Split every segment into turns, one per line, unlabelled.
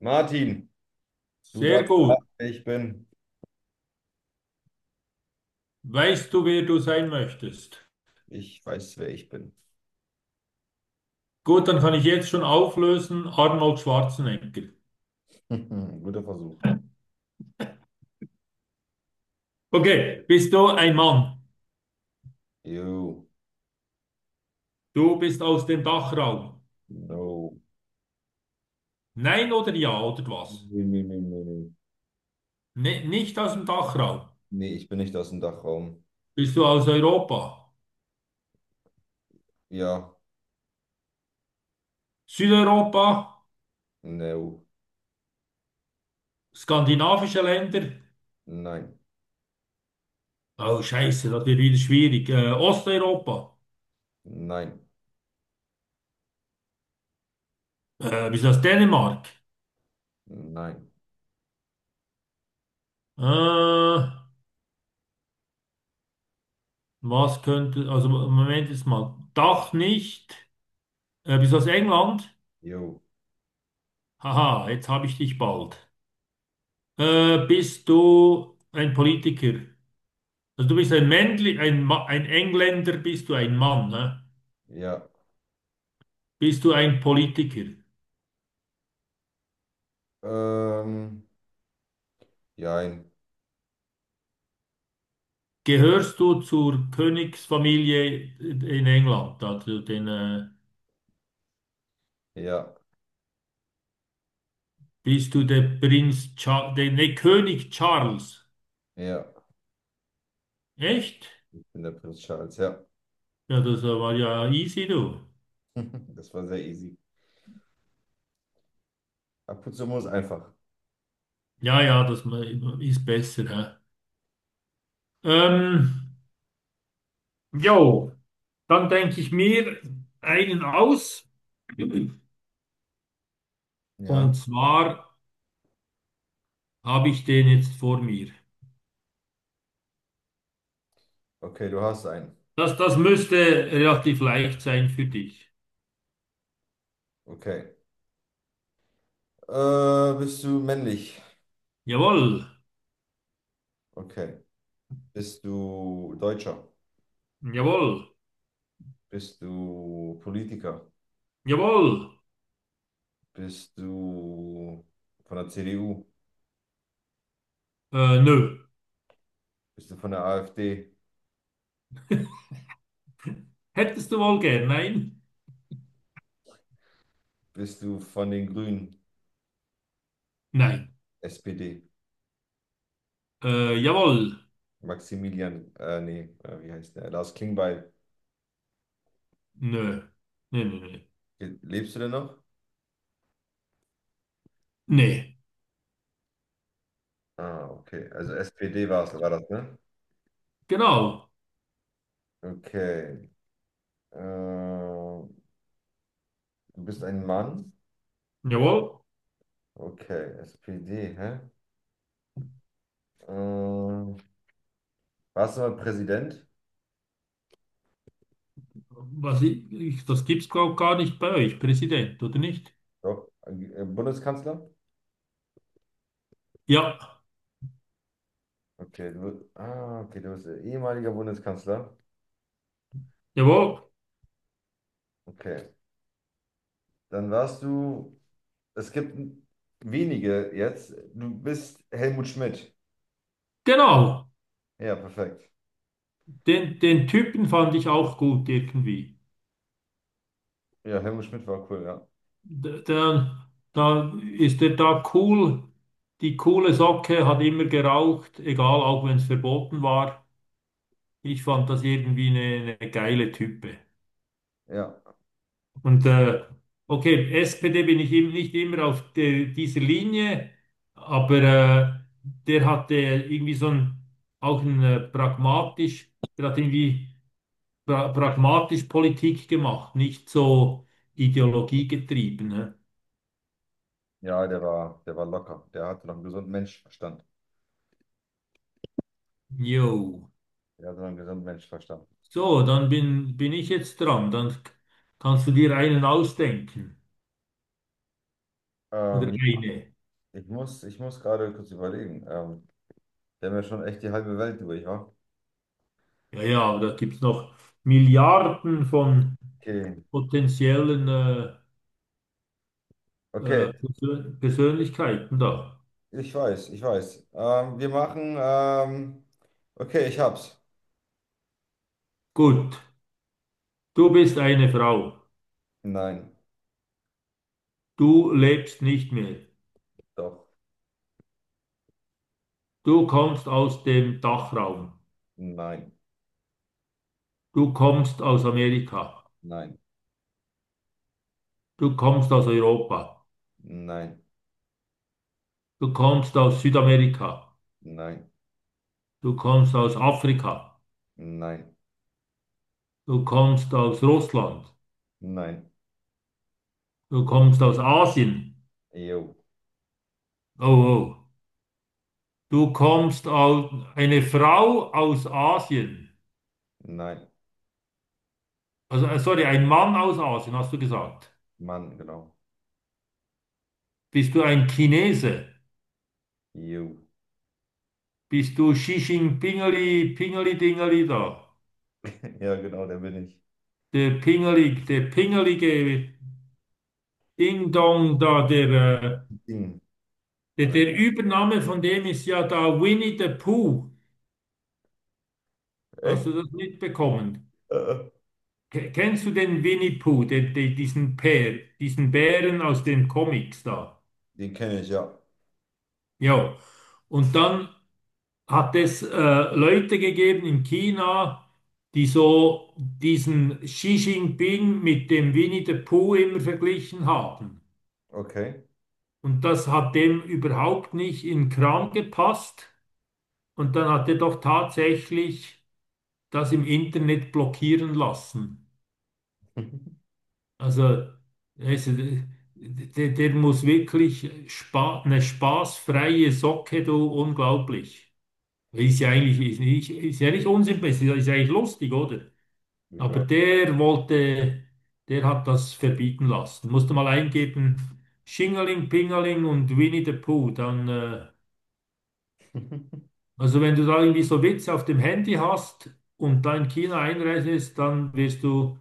Martin, du
Sehr
darfst
gut.
raten, wer ich bin.
Weißt du, wer du sein möchtest?
Ich weiß, wer ich bin.
Gut, dann kann ich jetzt schon auflösen. Arnold Schwarzenegger.
Guter Versuch.
Okay, bist du ein Mann?
Ew.
Du bist aus dem Dachraum.
No.
Nein oder ja oder was?
Nee, nee, nee, nee, nee.
Ne, nicht aus dem Dachraum.
Nee, ich bin nicht aus dem Dachraum.
Bist du aus Europa?
Ja.
Südeuropa?
No.
Skandinavische Länder?
Nein.
Oh, Scheiße, das wird wieder schwierig. Osteuropa?
Nein.
Bist du aus Dänemark?
Nein.
Äh, was könnte, also Moment jetzt mal. Dach nicht. Bist du aus England?
Jo.
Haha, jetzt habe ich dich bald. Bist du ein Politiker? Also du bist ein Männli, ein, Ma ein Engländer, bist du ein Mann, ne?
Ja.
Bist du ein Politiker?
Ähm. Jein.
Gehörst du zur Königsfamilie in England? Also den,
Ja.
bist du der Prinz Charles, der, nee, König Charles?
Ja.
Echt?
Ich bin der Prinz Charles. Ja.
Ja, das war ja easy, du.
Das war sehr easy. Ab und zu muss einfach.
Ja, ja, ist besser, hä? Ähm, jo. Dann denke ich mir einen aus.
Ja.
Und zwar habe ich den jetzt vor mir.
Okay, du hast einen.
Das müsste relativ leicht sein für dich.
Okay. Bist du männlich?
Jawohl,
Okay. Bist du Deutscher?
jawohl,
Bist du Politiker?
jawohl.
Bist du von der CDU?
Nö.
Bist du von der AfD?
Hättest du wohl gern? Nein?
Bist du von den Grünen?
Nein.
SPD?
Jawohl.
Maximilian, nee, wie heißt der? Lars Klingbeil.
Nö. Nö, nö, nö.
Lebst du denn noch?
Nee.
Ah, okay. Also SPD war es, war das, ne?
Genau.
Okay. Du bist ein Mann?
Jawohl.
Okay, SPD, hä? Äh, Warst du mal Präsident?
Was das gibt's glaub gar nicht bei euch, Präsident, oder nicht?
Doch. Bundeskanzler?
Ja.
Okay, du, okay, du bist ehemaliger Bundeskanzler.
Jawohl.
Okay, dann warst du, es gibt wenige jetzt, du bist Helmut Schmidt.
Genau.
Ja, perfekt.
Den, den Typen fand ich auch gut irgendwie.
Ja, Helmut Schmidt war cool, ja.
Der, da ist er da cool, die coole Socke, hat immer geraucht, egal, auch wenn es verboten war. Ich fand das irgendwie eine geile Type.
Ja,
Und okay, SPD bin ich eben nicht immer auf der, dieser Linie, aber der hatte irgendwie so ein, auch ein pragmatisch, der hat irgendwie pragmatisch Politik gemacht, nicht so ideologiegetrieben. Ne?
ja, der war locker. Der hatte noch einen gesunden Menschenverstand.
Jo.
Der hatte noch einen gesunden Menschenverstand.
So, dann bin ich jetzt dran. Dann kannst du dir einen ausdenken. Oder
Ähm,
eine.
ich muss gerade kurz überlegen. Wir haben ja schon echt die halbe Welt durch, wa?
Ja, ja, aber da gibt es noch Milliarden von
Okay,
potenziellen
okay,
Persönlichkeiten da.
ich weiß, ich weiß. Wir machen, okay, ich hab's.
Gut, du bist eine Frau.
Nein,
Du lebst nicht mehr.
doch.
Du kommst aus dem Dachraum.
Nein,
Du kommst aus Amerika.
nein,
Du kommst aus Europa,
nein,
du kommst aus Südamerika,
nein,
du kommst aus Afrika,
nein,
du kommst aus Russland,
nein.
du kommst aus Asien.
Jo,
Oh, oh. Du kommst aus eine Frau aus Asien.
nein,
Also, sorry, ein Mann aus Asien, hast du gesagt.
Mann, genau.
Bist du ein Chinese?
Jo.
Bist du Xi Jinpingeli, Pingeli Dingeli da?
Ja, genau, der bin ich.
Der Pingeli, der Pingelige Ding Dong da, äh,
Ding. Oder-
der Übername von dem ist ja da Winnie the Pooh. Hast
Echt?
du das mitbekommen?
Äh, äh.
Kennst du den Winnie Pooh, diesen Bär, diesen Bären aus den Comics da?
Den kenne ich, ja.
Ja. Und dann hat es Leute gegeben in China, die so diesen Xi Jinping mit dem Winnie the Pooh immer verglichen haben.
Okay.
Und das hat dem überhaupt nicht in den Kram gepasst. Und dann hat er doch tatsächlich das im Internet blockieren lassen. Also, der muss wirklich spa eine spaßfreie Socke, du, unglaublich. Ist ja eigentlich ist nicht, ist ja nicht unsympathisch, ist ja eigentlich lustig, oder? Aber
Ja.
der hat das verbieten lassen. Musste mal eingeben, Schingeling, Pingeling und Winnie the Pooh. Dann, also wenn du da irgendwie so Witze auf dem Handy hast und da in China einreist, dann wirst du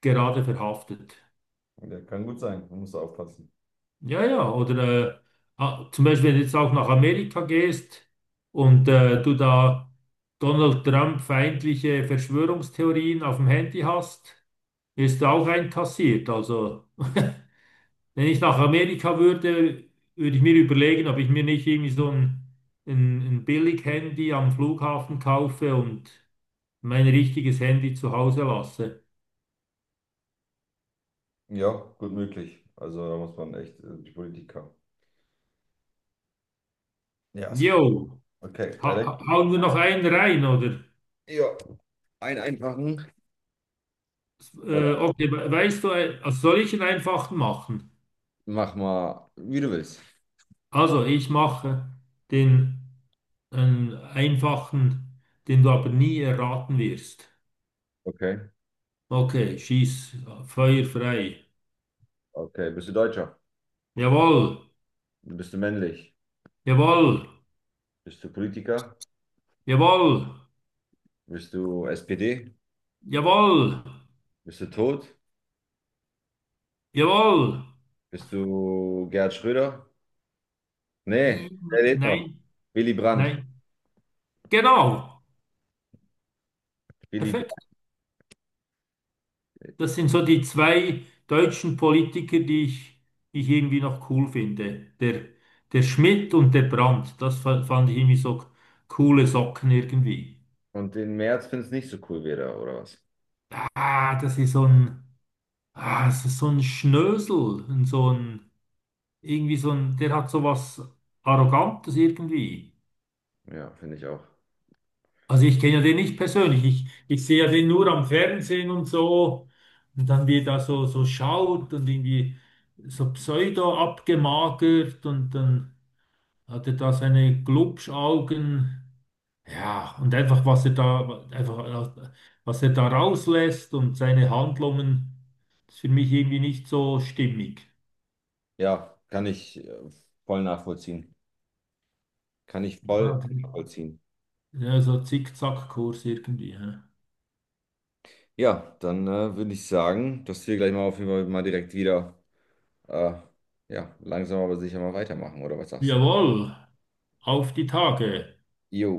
gerade verhaftet.
Der kann gut sein. Man muss da aufpassen.
Ja, ja, oder zum Beispiel, wenn du jetzt auch nach Amerika gehst und du da Donald Trump feindliche Verschwörungstheorien auf dem Handy hast, ist du auch einkassiert. Also, wenn ich nach Amerika würde, würde ich mir überlegen, ob ich mir nicht irgendwie ein Billig-Handy am Flughafen kaufe und mein richtiges Handy zu Hause lasse.
Ja, gut möglich. Also da muss man echt die Politiker. Ja, ist klar.
Jo,
Okay, weiter.
hauen wir noch einen rein, oder?
Ja, ein einfachen. Oder
Okay, weißt du, also soll ich einen einfachen machen?
mach mal, wie du willst.
Also ich mache den einen einfachen, den du aber nie erraten wirst.
Okay.
Okay, schieß, Feuer frei.
Okay, bist du Deutscher?
Jawohl,
Bist du männlich?
jawohl,
Bist du Politiker?
jawohl,
Bist du SPD?
jawohl,
Bist du tot?
jawohl.
Bist du Gerhard Schröder? Nee,
Nein,
der lebt noch.
nein,
Willy Brandt.
nein. Genau,
Willy Brandt.
perfekt. Das sind so die zwei deutschen Politiker, die ich irgendwie noch cool finde. Der, der Schmidt und der Brandt. Das fand ich irgendwie so coole Socken irgendwie.
Und den Merz findest nicht so cool wieder, oder was?
Ah, das ist so ein, ah, das ist so ein Schnösel. Und so ein, irgendwie so ein, der hat so was Arrogantes irgendwie.
Ja, finde ich auch.
Also ich kenne ja den nicht persönlich. Ich sehe ja den nur am Fernsehen und so. Und dann wie er da so, so schaut und irgendwie so pseudo abgemagert und dann hat er da seine Glubschaugen, ja, und einfach einfach, was er da rauslässt und seine Handlungen, ist für mich irgendwie nicht so stimmig.
Ja, kann ich voll nachvollziehen. Kann ich voll
Ah, okay.
nachvollziehen.
Ja, so Zickzackkurs irgendwie. Hä?
Ja, dann würde ich sagen, dass wir gleich mal auf jeden Fall mal direkt wieder, äh, ja, langsam aber sicher mal weitermachen, oder was sagst du?
Jawohl, auf die Tage.
Jo.